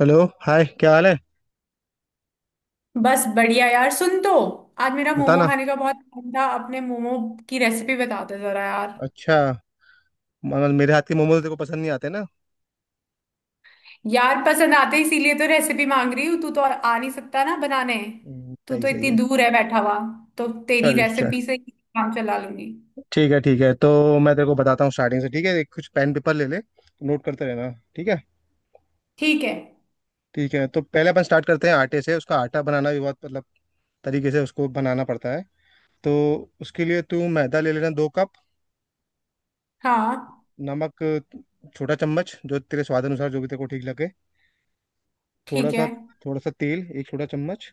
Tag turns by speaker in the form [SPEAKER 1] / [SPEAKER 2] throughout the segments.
[SPEAKER 1] Hello hi, क्या हाल है।
[SPEAKER 2] बस बढ़िया यार। सुन तो, आज मेरा मोमो
[SPEAKER 1] बताना।
[SPEAKER 2] खाने का बहुत मन था। अपने मोमो की रेसिपी बता दे जरा यार।
[SPEAKER 1] अच्छा। मतलब मेरे हाथ के मोमोज तेरे को पसंद नहीं आते ना।
[SPEAKER 2] यार पसंद आते इसीलिए तो रेसिपी मांग रही हूँ। तू तो और आ नहीं सकता ना बनाने। तू
[SPEAKER 1] सही
[SPEAKER 2] तो
[SPEAKER 1] सही
[SPEAKER 2] इतनी
[SPEAKER 1] है।
[SPEAKER 2] दूर है बैठा हुआ, तो तेरी
[SPEAKER 1] चल चल,
[SPEAKER 2] रेसिपी से ही काम चला लूंगी।
[SPEAKER 1] ठीक है। ठीक है तो मैं तेरे को बताता हूँ स्टार्टिंग से। ठीक है, एक कुछ पेन पेपर ले ले। नोट करते रहना। ठीक है।
[SPEAKER 2] ठीक है।
[SPEAKER 1] ठीक है तो पहले अपन स्टार्ट करते हैं आटे से। उसका आटा बनाना भी बहुत, मतलब तरीके से उसको बनाना पड़ता है। तो उसके लिए तू मैदा ले लेना, 2 कप।
[SPEAKER 2] हाँ।
[SPEAKER 1] नमक, छोटा चम्मच, जो तेरे स्वाद अनुसार जो भी तेरे को ठीक लगे। थोड़ा
[SPEAKER 2] ठीक
[SPEAKER 1] सा।
[SPEAKER 2] है।
[SPEAKER 1] थोड़ा सा तेल, 1 छोटा चम्मच।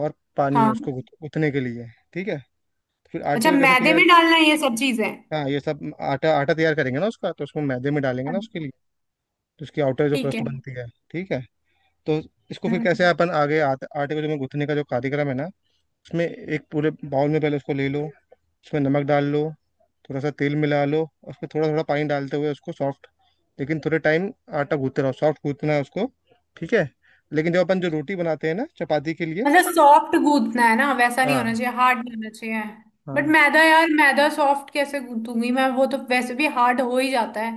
[SPEAKER 1] और पानी है
[SPEAKER 2] हाँ।
[SPEAKER 1] उसको गुथने के लिए। ठीक है। फिर आटे
[SPEAKER 2] अच्छा,
[SPEAKER 1] को कैसे
[SPEAKER 2] मैदे
[SPEAKER 1] तैयार,
[SPEAKER 2] में डालना है ये सब चीजें?
[SPEAKER 1] हाँ ये सब आटा आटा तैयार करेंगे ना उसका। तो उसको मैदे में डालेंगे ना, उसके
[SPEAKER 2] अच्छा।
[SPEAKER 1] लिए। तो उसकी आउटर जो
[SPEAKER 2] ठीक
[SPEAKER 1] क्रस्ट
[SPEAKER 2] है।
[SPEAKER 1] बनती है। ठीक है, तो इसको फिर कैसे
[SPEAKER 2] हम्म।
[SPEAKER 1] अपन आगे आटे आटे को जो मैं गूंथने का जो कार्यक्रम है ना, उसमें एक पूरे बाउल में पहले उसको ले लो। उसमें नमक डाल लो। थोड़ा सा तेल मिला लो और उसमें थोड़ा थोड़ा पानी डालते हुए उसको सॉफ्ट, लेकिन थोड़े टाइम आटा गूंथते रहो। सॉफ्ट गूंथना है उसको। ठीक है। लेकिन जब अपन जो रोटी बनाते हैं ना चपाती के लिए,
[SPEAKER 2] मतलब सॉफ्ट गूंथना है ना, वैसा नहीं
[SPEAKER 1] हाँ
[SPEAKER 2] होना चाहिए, हार्ड नहीं होना चाहिए। बट
[SPEAKER 1] हाँ,
[SPEAKER 2] मैदा यार, मैदा सॉफ्ट कैसे गूंथूंगी मैं? वो तो वैसे भी हार्ड हो ही जाता है।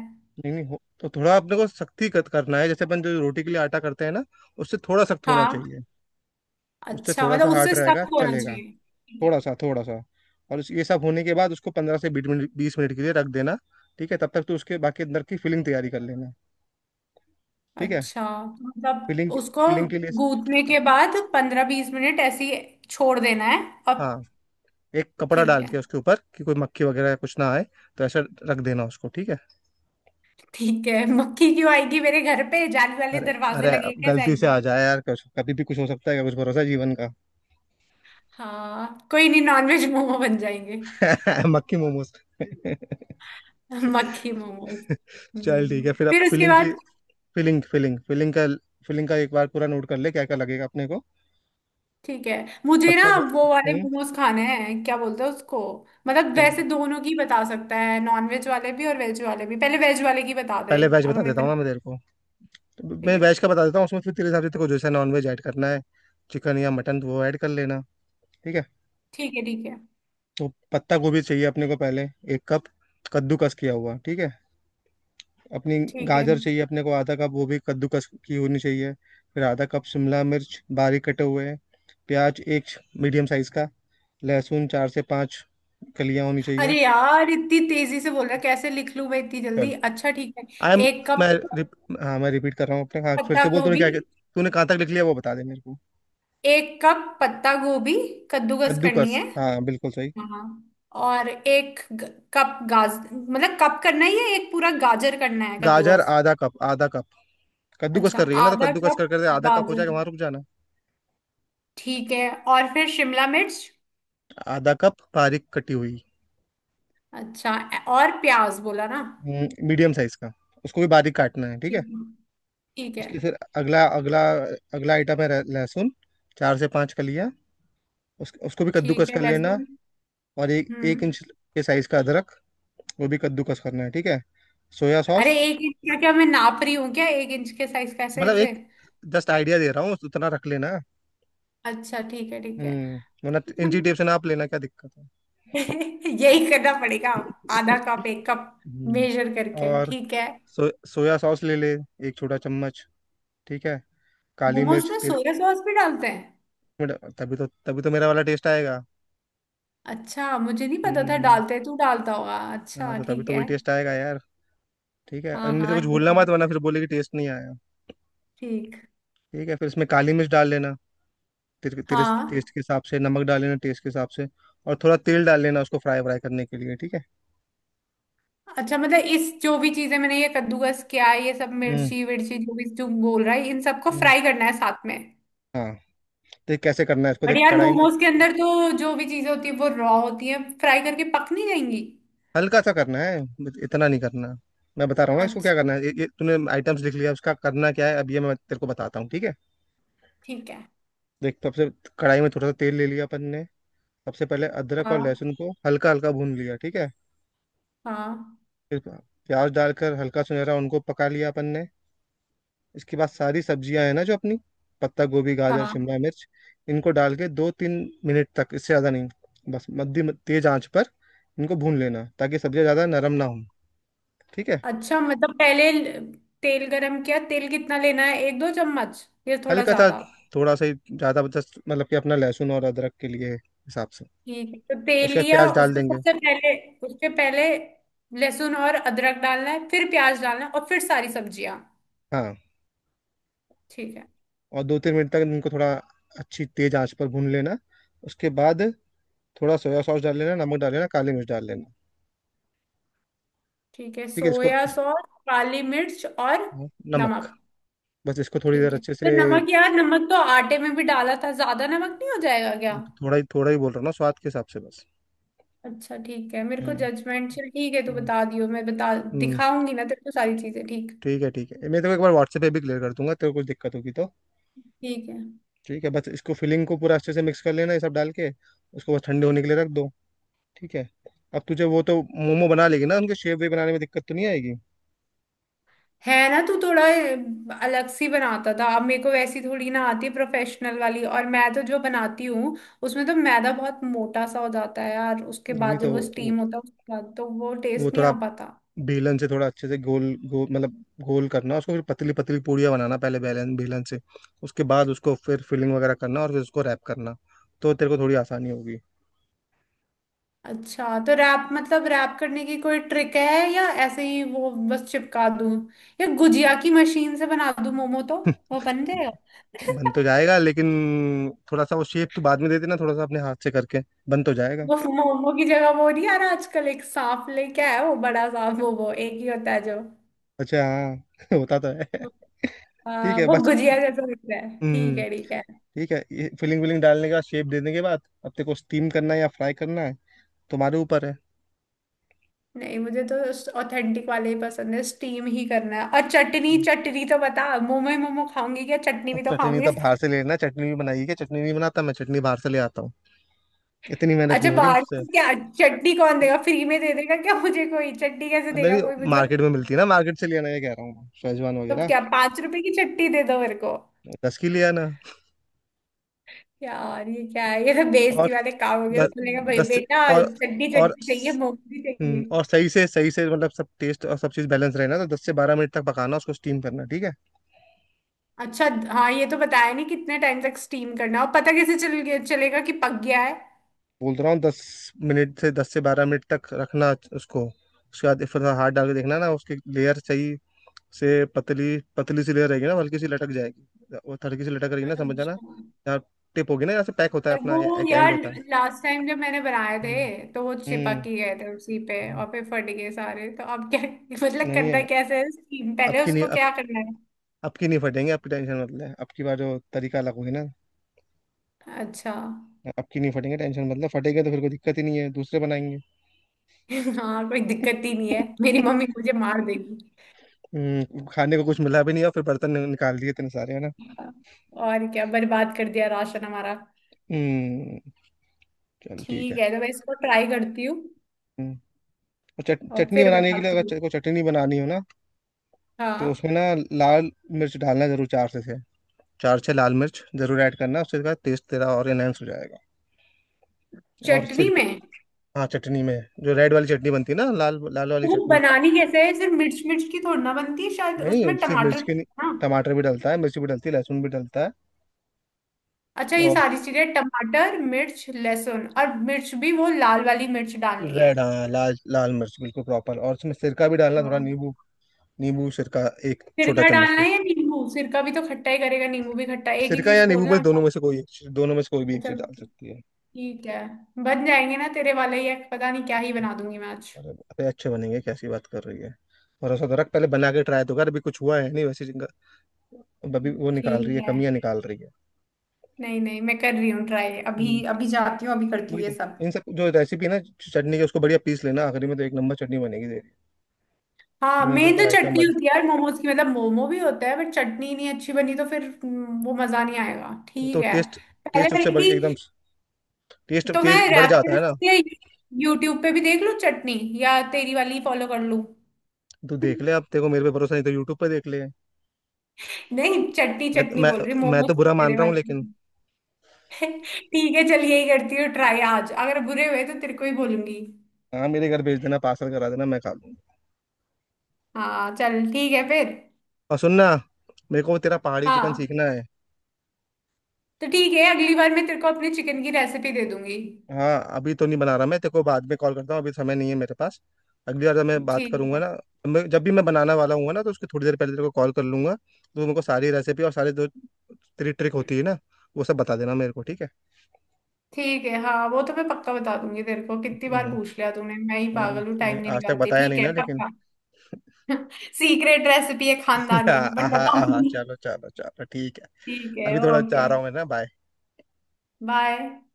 [SPEAKER 1] नहीं नहीं हो तो थोड़ा अपने को सख्ती कत करना है, जैसे अपन जो रोटी के लिए आटा करते हैं ना उससे थोड़ा सख्त होना
[SPEAKER 2] हाँ।
[SPEAKER 1] चाहिए। उससे
[SPEAKER 2] अच्छा,
[SPEAKER 1] थोड़ा सा
[SPEAKER 2] मतलब
[SPEAKER 1] हार्ड
[SPEAKER 2] उससे
[SPEAKER 1] रहेगा,
[SPEAKER 2] सख्त होना
[SPEAKER 1] चलेगा।
[SPEAKER 2] चाहिए।
[SPEAKER 1] थोड़ा
[SPEAKER 2] ठीक
[SPEAKER 1] सा, थोड़ा सा। और ये सब होने के बाद उसको 15 से 20 मिनट, 20 मिनट के लिए रख देना। ठीक है, तब तक तो उसके बाकी अंदर की फिलिंग तैयारी कर लेना।
[SPEAKER 2] है।
[SPEAKER 1] ठीक है।
[SPEAKER 2] अच्छा, तो मतलब
[SPEAKER 1] फिलिंग,
[SPEAKER 2] उसको
[SPEAKER 1] फिलिंग के लिए
[SPEAKER 2] गूंथने के बाद 15-20 मिनट ऐसे ही छोड़ देना है? अब।
[SPEAKER 1] हाँ एक कपड़ा
[SPEAKER 2] ठीक
[SPEAKER 1] डाल
[SPEAKER 2] है।
[SPEAKER 1] के उसके ऊपर कि कोई मक्खी वगैरह कुछ ना आए। तो ऐसा रख देना उसको। ठीक है।
[SPEAKER 2] ठीक है, मक्खी क्यों आएगी मेरे घर पे? जाली वाले
[SPEAKER 1] अरे
[SPEAKER 2] दरवाजे
[SPEAKER 1] अरे, अब
[SPEAKER 2] लगे, कैसे
[SPEAKER 1] गलती से
[SPEAKER 2] आएगी?
[SPEAKER 1] आ जाए यार, कुछ कभी भी कुछ हो सकता है, क्या कुछ भरोसा है जीवन का।
[SPEAKER 2] हाँ कोई नहीं, नॉनवेज मोमो बन जाएंगे।
[SPEAKER 1] मक्खी मोमोज।
[SPEAKER 2] मक्खी मोमो।
[SPEAKER 1] चल ठीक
[SPEAKER 2] हम्म,
[SPEAKER 1] है, फिर अब
[SPEAKER 2] फिर उसके
[SPEAKER 1] फिलिंग की,
[SPEAKER 2] बाद?
[SPEAKER 1] फिलिंग फिलिंग फिलिंग का एक बार पूरा नोट कर ले क्या क्या लगेगा अपने को।
[SPEAKER 2] ठीक है। मुझे ना
[SPEAKER 1] पत्ता गोभी।
[SPEAKER 2] वो वाले
[SPEAKER 1] हम्म
[SPEAKER 2] मोमोज खाने हैं, क्या बोलते हैं उसको। मतलब
[SPEAKER 1] क्या क्या-
[SPEAKER 2] वैसे दोनों की बता सकता है, नॉन वेज वाले भी और वेज वाले भी। पहले वेज वाले की बता दे।
[SPEAKER 1] पहले वेज
[SPEAKER 2] अगर
[SPEAKER 1] बता
[SPEAKER 2] मेरे
[SPEAKER 1] देता हूँ
[SPEAKER 2] पे।
[SPEAKER 1] ना मैं तेरे को। तो
[SPEAKER 2] ठीक
[SPEAKER 1] मैं
[SPEAKER 2] है।
[SPEAKER 1] वेज का बता देता हूँ, उसमें फिर तेरे हिसाब से तेरे को जैसा नॉन वेज ऐड करना है, चिकन या मटन, वो ऐड कर लेना। ठीक है।
[SPEAKER 2] ठीक है। ठीक है।
[SPEAKER 1] तो पत्ता गोभी चाहिए अपने को पहले, 1 कप कद्दूकस किया हुआ। ठीक है। अपनी
[SPEAKER 2] ठीक है।
[SPEAKER 1] गाजर चाहिए अपने को आधा कप, वो भी कद्दूकस की होनी चाहिए। फिर आधा कप शिमला मिर्च बारीक कटे हुए। प्याज एक, मीडियम साइज का। लहसुन 4 से 5 कलियां होनी
[SPEAKER 2] अरे
[SPEAKER 1] चाहिए।
[SPEAKER 2] यार, इतनी तेजी से बोल रहा है, कैसे लिख लूं मैं इतनी
[SPEAKER 1] चल,
[SPEAKER 2] जल्दी? अच्छा, ठीक है।
[SPEAKER 1] आई एम
[SPEAKER 2] एक
[SPEAKER 1] मैं
[SPEAKER 2] कप।
[SPEAKER 1] रिप, हाँ मैं रिपीट कर रहा हूँ अपने। हाँ फिर
[SPEAKER 2] पत्ता
[SPEAKER 1] से बोल, तूने
[SPEAKER 2] गोभी
[SPEAKER 1] क्या, तूने कहाँ तक लिख लिया वो बता दे मेरे को।
[SPEAKER 2] एक कप पत्ता गोभी, कद्दूकस करनी
[SPEAKER 1] कद्दूकस,
[SPEAKER 2] है।
[SPEAKER 1] हाँ बिल्कुल सही।
[SPEAKER 2] हाँ। और एक कप गाज मतलब, कप करना ही है? एक पूरा गाजर करना है
[SPEAKER 1] गाजर
[SPEAKER 2] कद्दूकस?
[SPEAKER 1] आधा कप, आधा कप कद्दूकस
[SPEAKER 2] अच्छा,
[SPEAKER 1] कर रही है ना, तो
[SPEAKER 2] आधा
[SPEAKER 1] कद्दूकस
[SPEAKER 2] कप
[SPEAKER 1] कर कर दे, आधा कप हो
[SPEAKER 2] गाजर,
[SPEAKER 1] जाएगा वहां रुक जाना।
[SPEAKER 2] ठीक है। और फिर शिमला मिर्च?
[SPEAKER 1] आधा कप बारीक कटी हुई।
[SPEAKER 2] अच्छा। और प्याज बोला ना?
[SPEAKER 1] मीडियम साइज का, उसको भी बारीक काटना है। ठीक
[SPEAKER 2] ठीक
[SPEAKER 1] है।
[SPEAKER 2] है। ठीक है।
[SPEAKER 1] उसके फिर अगला अगला अगला आइटम है लहसुन, चार से पाँच कलियां। उसको भी
[SPEAKER 2] ठीक
[SPEAKER 1] कद्दूकस
[SPEAKER 2] है
[SPEAKER 1] कर लेना।
[SPEAKER 2] लहसुन।
[SPEAKER 1] और एक एक
[SPEAKER 2] हम्म।
[SPEAKER 1] इंच के साइज का अदरक, वो भी कद्दूकस करना है। ठीक है। सोया
[SPEAKER 2] अरे
[SPEAKER 1] सॉस,
[SPEAKER 2] एक इंच का क्या, मैं नाप रही हूँ क्या? एक इंच के साइज कैसे
[SPEAKER 1] मतलब
[SPEAKER 2] कैसे।
[SPEAKER 1] एक जस्ट आइडिया दे रहा हूँ, उतना रख लेना।
[SPEAKER 2] अच्छा, ठीक है। ठीक है।
[SPEAKER 1] हम्म वरना इंची टेप से नाप लेना क्या दिक्कत है।
[SPEAKER 2] यही करना पड़ेगा। आधा कप, एक कप,
[SPEAKER 1] हम्म,
[SPEAKER 2] मेजर करके,
[SPEAKER 1] और
[SPEAKER 2] ठीक है।
[SPEAKER 1] सोया सॉस ले ले, 1 छोटा चम्मच। ठीक है। काली
[SPEAKER 2] मोमोज
[SPEAKER 1] मिर्च
[SPEAKER 2] में
[SPEAKER 1] तेरे,
[SPEAKER 2] सोया सॉस भी डालते हैं?
[SPEAKER 1] मतलब तभी तो, तभी तो मेरा वाला टेस्ट आएगा।
[SPEAKER 2] अच्छा, मुझे नहीं पता था
[SPEAKER 1] हम्म
[SPEAKER 2] डालते हैं, तू डालता होगा।
[SPEAKER 1] हाँ
[SPEAKER 2] अच्छा,
[SPEAKER 1] तो तभी
[SPEAKER 2] ठीक
[SPEAKER 1] तो
[SPEAKER 2] है।
[SPEAKER 1] वही टेस्ट आएगा यार। ठीक है,
[SPEAKER 2] हाँ
[SPEAKER 1] इनमें से
[SPEAKER 2] हाँ,
[SPEAKER 1] कुछ
[SPEAKER 2] ठीक
[SPEAKER 1] भूलना
[SPEAKER 2] है।
[SPEAKER 1] मत, वरना फिर बोले कि टेस्ट नहीं आया।
[SPEAKER 2] ठीक।
[SPEAKER 1] ठीक है फिर इसमें काली मिर्च डाल लेना। तेरे तेरे
[SPEAKER 2] हाँ।
[SPEAKER 1] टेस्ट के हिसाब से नमक डाल लेना, टेस्ट के हिसाब से। और थोड़ा तेल डाल लेना उसको फ्राई व्राई करने के लिए। ठीक है।
[SPEAKER 2] अच्छा, मतलब इस जो भी चीजें मैंने ये कद्दूकस किया, ये सब
[SPEAKER 1] हम्म।
[SPEAKER 2] मिर्ची विर्ची जो भी तू बोल रहा है, इन सबको
[SPEAKER 1] हम्म।
[SPEAKER 2] फ्राई करना है साथ में?
[SPEAKER 1] हाँ, देख कैसे करना है इसको,
[SPEAKER 2] बट
[SPEAKER 1] देख
[SPEAKER 2] यार,
[SPEAKER 1] कढ़ाई में
[SPEAKER 2] मोमोज के अंदर तो जो भी चीजें होती है वो रॉ होती है, फ्राई करके पक नहीं जाएंगी?
[SPEAKER 1] हल्का सा करना है बस, इतना नहीं करना। मैं बता रहा हूँ ना इसको क्या करना
[SPEAKER 2] अच्छा।
[SPEAKER 1] है, ये तूने आइटम्स लिख लिया, उसका करना क्या है अब ये मैं तेरे को बताता हूँ। ठीक है,
[SPEAKER 2] ठीक है।
[SPEAKER 1] देख सबसे, कढ़ाई में थोड़ा सा तेल ले लिया अपन ने। सबसे पहले अदरक और
[SPEAKER 2] हाँ।
[SPEAKER 1] लहसुन को हल्का हल्का भून लिया। ठीक है।
[SPEAKER 2] हाँ।
[SPEAKER 1] फिर प्याज डालकर हल्का सुनहरा उनको पका लिया अपन ने। इसके बाद सारी सब्जियां है ना जो अपनी, पत्ता गोभी, गाजर,
[SPEAKER 2] हाँ।
[SPEAKER 1] शिमला मिर्च, इनको डाल के 2-3 मिनट तक, इससे ज़्यादा नहीं, बस मध्यम तेज आंच पर इनको भून लेना ताकि सब्जियां ज़्यादा नरम ना हो। ठीक है।
[SPEAKER 2] अच्छा, मतलब पहले तेल गरम किया। तेल कितना लेना है, एक दो चम्मच या थोड़ा
[SPEAKER 1] हल्का सा,
[SPEAKER 2] ज्यादा?
[SPEAKER 1] थोड़ा सा ही, ज़्यादा जस्ट मतलब कि अपना लहसुन और अदरक के लिए हिसाब से।
[SPEAKER 2] ठीक है, तो तेल
[SPEAKER 1] उसके बाद
[SPEAKER 2] लिया
[SPEAKER 1] प्याज डाल
[SPEAKER 2] उसमें
[SPEAKER 1] देंगे।
[SPEAKER 2] सबसे पहले। उसके पहले लहसुन और अदरक डालना है, फिर प्याज डालना है, और फिर सारी सब्जियां?
[SPEAKER 1] हाँ,
[SPEAKER 2] ठीक है।
[SPEAKER 1] और 2-3 मिनट तक इनको थोड़ा अच्छी तेज आंच पर भून लेना। उसके बाद थोड़ा सोया सॉस डाल लेना, नमक डाल लेना, काली मिर्च डाल लेना।
[SPEAKER 2] ठीक है,
[SPEAKER 1] ठीक है इसको,
[SPEAKER 2] सोया सॉस। काली मिर्च और
[SPEAKER 1] नमक,
[SPEAKER 2] नमक।
[SPEAKER 1] बस इसको थोड़ी
[SPEAKER 2] ठीक
[SPEAKER 1] देर
[SPEAKER 2] है,
[SPEAKER 1] अच्छे
[SPEAKER 2] तो
[SPEAKER 1] से।
[SPEAKER 2] नमक यार, नमक तो आटे में भी डाला था, ज्यादा नमक नहीं हो जाएगा क्या?
[SPEAKER 1] थोड़ा ही, थोड़ा ही बोल रहा हूँ ना, स्वाद के हिसाब से बस।
[SPEAKER 2] अच्छा, ठीक है, मेरे को
[SPEAKER 1] हम्म।
[SPEAKER 2] जजमेंट। चल ठीक है, तू
[SPEAKER 1] हम्म।
[SPEAKER 2] बता दियो, मैं बता
[SPEAKER 1] हम्म।
[SPEAKER 2] दिखाऊंगी ना तेरे को सारी चीजें। ठीक।
[SPEAKER 1] ठीक है, ठीक है मैं तेरे को एक बार व्हाट्सएप पे भी क्लियर कर दूंगा, तेरे को कुछ दिक्कत होगी तो।
[SPEAKER 2] ठीक है।
[SPEAKER 1] ठीक है, बस इसको फिलिंग को पूरा अच्छे से मिक्स कर लेना ये सब डाल के। उसको बस ठंडे होने के लिए रख दो। ठीक है। अब तुझे वो तो मोमो बना लेगी ना, उनके शेप वे बनाने में दिक्कत तो नहीं आएगी।
[SPEAKER 2] है ना तू थोड़ा अलग सी बनाता था, अब मेरे को वैसी थोड़ी ना आती प्रोफेशनल वाली। और मैं तो जो बनाती हूँ उसमें तो मैदा बहुत मोटा सा हो जाता है यार, उसके
[SPEAKER 1] नहीं नहीं
[SPEAKER 2] बाद
[SPEAKER 1] तो,
[SPEAKER 2] जब वो
[SPEAKER 1] वो
[SPEAKER 2] स्टीम
[SPEAKER 1] तो,
[SPEAKER 2] होता है उसके बाद तो वो
[SPEAKER 1] वो
[SPEAKER 2] टेस्ट नहीं
[SPEAKER 1] थोड़ा
[SPEAKER 2] आ पाता।
[SPEAKER 1] बेलन से थोड़ा अच्छे से गोल, गोल मतलब गोल करना उसको। फिर पतली पतली पूड़ियाँ बनाना, पहले बेलन बेलन से। उसके बाद उसको फिर फिलिंग वगैरह करना और फिर उसको रैप करना, तो तेरे को थोड़ी आसानी होगी।
[SPEAKER 2] अच्छा, तो रैप मतलब रैप करने की कोई ट्रिक है? या ऐसे ही वो बस चिपका दूं? या गुजिया की मशीन से बना दूं मोमो तो वो बन जाएगा?
[SPEAKER 1] बन तो जाएगा लेकिन थोड़ा सा वो शेप तो बाद में दे देना थोड़ा सा अपने हाथ से करके। बन तो जाएगा।
[SPEAKER 2] वो मोमो की जगह वो नहीं आ रहा आजकल, एक सांप लेके आया, वो बड़ा सांप, वो एक ही होता है जो।
[SPEAKER 1] अच्छा हाँ होता तो है। ठीक है
[SPEAKER 2] वो
[SPEAKER 1] बस।
[SPEAKER 2] गुजिया जैसा दिखता है। ठीक
[SPEAKER 1] हम्म
[SPEAKER 2] है, ठीक है।
[SPEAKER 1] ठीक है, ये फिलिंग विलिंग डालने के बाद, शेप देने के बाद, अब तेरे को स्टीम करना है या फ्राई करना है, तुम्हारे ऊपर है।
[SPEAKER 2] नहीं मुझे तो ऑथेंटिक वाले ही पसंद है, स्टीम ही करना है। और चटनी, चटनी तो बता, मोमो ही मोमो खाऊंगी क्या, चटनी
[SPEAKER 1] अब
[SPEAKER 2] भी तो
[SPEAKER 1] चटनी
[SPEAKER 2] खाऊंगी।
[SPEAKER 1] तो बाहर से लेना है। चटनी भी बनाई है क्या? चटनी नहीं बनाता मैं, चटनी बाहर से ले आता हूँ। इतनी मेहनत
[SPEAKER 2] अच्छा
[SPEAKER 1] नहीं हो रही मुझसे।
[SPEAKER 2] बाटी क्या, चटनी कौन देगा? फ्री में दे देगा क्या मुझे कोई? चटनी कैसे
[SPEAKER 1] अब
[SPEAKER 2] देगा
[SPEAKER 1] नहीं,
[SPEAKER 2] कोई मुझे?
[SPEAKER 1] मार्केट में मिलती है ना, मार्केट से ले आना ये कह रहा हूँ मैं। शेजवान
[SPEAKER 2] तो
[SPEAKER 1] वगैरह।
[SPEAKER 2] क्या 5 रुपए की चटनी दे दो मेरे को?
[SPEAKER 1] 10 की ले आना।
[SPEAKER 2] यार ये क्या है, ये सब
[SPEAKER 1] और
[SPEAKER 2] बेइज्जती वाले काम हो गए। तो
[SPEAKER 1] दस,
[SPEAKER 2] मैंने कहा भाई,
[SPEAKER 1] दस,
[SPEAKER 2] बेटा
[SPEAKER 1] और
[SPEAKER 2] चटनी,
[SPEAKER 1] और,
[SPEAKER 2] चटनी चाहिए, मोमोज चाहिए।
[SPEAKER 1] और सही से, सही से मतलब सब टेस्ट और सब चीज़ बैलेंस रहे ना तो 10 से 12 मिनट तक पकाना उसको, स्टीम करना। ठीक है।
[SPEAKER 2] अच्छा। हाँ, ये तो बताया नहीं कितने टाइम तक स्टीम करना है। और पता कैसे चल गया चलेगा कि पक गया है?
[SPEAKER 1] बोल रहा हूँ 10 मिनट से, 10 से 12 मिनट तक रखना उसको। उसके बाद फिर थोड़ा हाथ डाल के देखना ना, उसकी लेयर सही से पतली, पतली सी लेयर रहेगी ना, वो हल्की सी लटक जाएगी, वो हल्की सी लटक रही ना, समझ जाना।
[SPEAKER 2] अच्छा।
[SPEAKER 1] यहाँ टिप होगी ना, यहाँ से पैक होता है
[SPEAKER 2] और
[SPEAKER 1] अपना,
[SPEAKER 2] वो
[SPEAKER 1] एक एंड
[SPEAKER 2] यार
[SPEAKER 1] होता है।
[SPEAKER 2] लास्ट टाइम जब मैंने बनाए थे
[SPEAKER 1] हम्म।
[SPEAKER 2] तो वो
[SPEAKER 1] हम्म।
[SPEAKER 2] चिपक ही गए थे उसी पे,
[SPEAKER 1] हम्म।
[SPEAKER 2] और फिर फट गए सारे। तो अब क्या, मतलब
[SPEAKER 1] नहीं
[SPEAKER 2] करना
[SPEAKER 1] नहीं,
[SPEAKER 2] कैसे है स्कीम?
[SPEAKER 1] अब
[SPEAKER 2] पहले
[SPEAKER 1] की नहीं,
[SPEAKER 2] उसको क्या करना
[SPEAKER 1] अब की नहीं फटेंगे, आपकी टेंशन मत ले, अब की बार जो तरीका अलग होगी ना।
[SPEAKER 2] है? अच्छा।
[SPEAKER 1] अब की नहीं फटेंगे, टेंशन मतलब फटेंगे तो फिर कोई दिक्कत ही नहीं है, दूसरे बनाएंगे।
[SPEAKER 2] हाँ कोई दिक्कत ही नहीं है, मेरी मम्मी मुझे मार देगी।
[SPEAKER 1] खाने को कुछ मिला भी नहीं और फिर बर्तन निकाल दिए इतने सारे है ना।
[SPEAKER 2] और क्या, बर्बाद कर दिया राशन हमारा।
[SPEAKER 1] हम्म। चल. ठीक
[SPEAKER 2] ठीक
[SPEAKER 1] है।
[SPEAKER 2] है, तो मैं इसको ट्राई करती हूँ
[SPEAKER 1] हम्म और
[SPEAKER 2] और
[SPEAKER 1] चटनी
[SPEAKER 2] फिर
[SPEAKER 1] बनाने के लिए
[SPEAKER 2] बताती
[SPEAKER 1] अगर
[SPEAKER 2] हूँ।
[SPEAKER 1] कोई चटनी बनानी हो ना, तो
[SPEAKER 2] हाँ।
[SPEAKER 1] उसमें ना लाल मिर्च डालना जरूर, 4 से 6, 4-6 लाल मिर्च जरूर ऐड करना, उससे का टेस्ट तेरा और एनहेंस हो जाएगा। और
[SPEAKER 2] चटनी
[SPEAKER 1] सिर्फ,
[SPEAKER 2] में।
[SPEAKER 1] हाँ चटनी में, जो रेड वाली चटनी बनती है ना, लाल लाल वाली
[SPEAKER 2] वो
[SPEAKER 1] चटनी।
[SPEAKER 2] बनानी कैसे है? सिर्फ मिर्च मिर्च की थोड़ी ना बनती है, शायद
[SPEAKER 1] नहीं नहीं,
[SPEAKER 2] उसमें
[SPEAKER 1] सिर्फ मिर्च
[SPEAKER 2] टमाटर
[SPEAKER 1] के नहीं,
[SPEAKER 2] ना।
[SPEAKER 1] टमाटर भी डलता है, मिर्च भी डलती है, लहसुन भी डलता है।
[SPEAKER 2] अच्छा, ये
[SPEAKER 1] और
[SPEAKER 2] सारी चीजें टमाटर मिर्च लहसुन, और मिर्च भी वो लाल वाली मिर्च डालनी है?
[SPEAKER 1] रेड, हाँ लाल लाल मिर्च बिल्कुल प्रॉपर। और उसमें सिरका भी डालना
[SPEAKER 2] तो
[SPEAKER 1] थोड़ा, नींबू, नींबू सिरका एक छोटा
[SPEAKER 2] सिरका
[SPEAKER 1] चम्मच
[SPEAKER 2] डालना
[SPEAKER 1] के।
[SPEAKER 2] है या नींबू? सिरका भी तो खट्टा ही करेगा, नींबू भी खट्टा, एक ही
[SPEAKER 1] सिरका
[SPEAKER 2] चीज,
[SPEAKER 1] या नींबू
[SPEAKER 2] बोलना
[SPEAKER 1] में, दोनों
[SPEAKER 2] क्या?
[SPEAKER 1] में से कोई एक चीज, दोनों में से कोई भी एक
[SPEAKER 2] अच्छा,
[SPEAKER 1] चीज डाल सकती है।
[SPEAKER 2] ठीक है। बन जाएंगे ना तेरे वाले? ये पता नहीं क्या ही बना दूंगी मैं आज।
[SPEAKER 1] अरे अबे अच्छे बनेंगे, कैसी बात कर रही है। भरोसा तो रख, पहले बना के ट्राई तो कर, अभी कुछ हुआ है नहीं वैसे जिनका। अब अभी वो निकाल
[SPEAKER 2] ठीक
[SPEAKER 1] रही है,
[SPEAKER 2] है।
[SPEAKER 1] कमियां निकाल रही है।
[SPEAKER 2] नहीं नहीं, मैं कर रही हूँ ट्राई, अभी
[SPEAKER 1] हम्म,
[SPEAKER 2] अभी जाती हूँ, अभी करती
[SPEAKER 1] वही
[SPEAKER 2] हूँ ये
[SPEAKER 1] तो,
[SPEAKER 2] सब।
[SPEAKER 1] इन सब जो रेसिपी ना चटनी की उसको बढ़िया पीस लेना आखिरी में, तो एक नंबर चटनी बनेगी तेरी।
[SPEAKER 2] हाँ
[SPEAKER 1] जो मैंने तेरे
[SPEAKER 2] मेन
[SPEAKER 1] को
[SPEAKER 2] तो
[SPEAKER 1] आइटम
[SPEAKER 2] चटनी होती है
[SPEAKER 1] बता,
[SPEAKER 2] यार मोमोज की, मतलब मोमो भी होता है बट चटनी नहीं अच्छी बनी तो फिर वो मजा नहीं आएगा।
[SPEAKER 1] तो
[SPEAKER 2] ठीक है।
[SPEAKER 1] टेस्ट,
[SPEAKER 2] पहले
[SPEAKER 1] एकदम
[SPEAKER 2] बल्कि
[SPEAKER 1] टेस्ट
[SPEAKER 2] तो मैं
[SPEAKER 1] तेज बढ़ जाता है
[SPEAKER 2] रेफरेंस
[SPEAKER 1] ना।
[SPEAKER 2] के यूट्यूब पे भी देख लूं चटनी, या तेरी वाली फॉलो कर लूं?
[SPEAKER 1] तू देख ले, अब तेरे को मेरे पे भरोसा नहीं तो यूट्यूब पे देख ले।
[SPEAKER 2] नहीं, चटनी
[SPEAKER 1] मैं
[SPEAKER 2] चटनी
[SPEAKER 1] मैं
[SPEAKER 2] बोल रही हूँ,
[SPEAKER 1] मैं
[SPEAKER 2] मोमोज
[SPEAKER 1] तो बुरा मान
[SPEAKER 2] तेरे
[SPEAKER 1] रहा हूँ
[SPEAKER 2] वाले।
[SPEAKER 1] लेकिन।
[SPEAKER 2] ठीक है चल, यही करती हूँ ट्राई आज। अगर बुरे हुए तो तेरे को ही बोलूंगी।
[SPEAKER 1] हाँ मेरे घर भेज देना, पार्सल करा देना, मैं खा लूंगा।
[SPEAKER 2] हाँ चल, ठीक है फिर।
[SPEAKER 1] और सुनना, मेरे को तेरा पहाड़ी चिकन
[SPEAKER 2] हाँ।
[SPEAKER 1] सीखना है।
[SPEAKER 2] तो ठीक है, अगली बार मैं तेरे को अपने चिकन की रेसिपी दे दूंगी।
[SPEAKER 1] हाँ अभी तो नहीं बना रहा, मैं तेरे को बाद में कॉल करता हूँ, अभी समय नहीं है मेरे पास। अगली बार जब मैं बात
[SPEAKER 2] ठीक
[SPEAKER 1] करूंगा
[SPEAKER 2] है।
[SPEAKER 1] ना, मैं जब भी मैं बनाने वाला हूँ ना तो उसकी थोड़ी देर पहले तेरे को कॉल कर लूंगा, तो मेरे को सारी रेसिपी और सारी जो तेरी ट्रिक होती है ना वो सब बता देना मेरे को। ठीक है।
[SPEAKER 2] ठीक है हाँ, वो तो मैं पक्का बता दूंगी तेरे को, कितनी बार
[SPEAKER 1] हम्म।
[SPEAKER 2] पूछ लिया तूने, मैं ही पागल हूँ टाइम नहीं
[SPEAKER 1] आज तक
[SPEAKER 2] निकालती।
[SPEAKER 1] बताया
[SPEAKER 2] ठीक
[SPEAKER 1] नहीं
[SPEAKER 2] है
[SPEAKER 1] ना लेकिन।
[SPEAKER 2] पक्का। सीक्रेट रेसिपी है खानदानी, बट
[SPEAKER 1] आहा आहा,
[SPEAKER 2] बताऊंगी।
[SPEAKER 1] चलो चलो चलो ठीक है।
[SPEAKER 2] ठीक है,
[SPEAKER 1] अभी थोड़ा
[SPEAKER 2] ओके।
[SPEAKER 1] चाह रहा हूँ मैं ना, बाय।
[SPEAKER 2] बाय।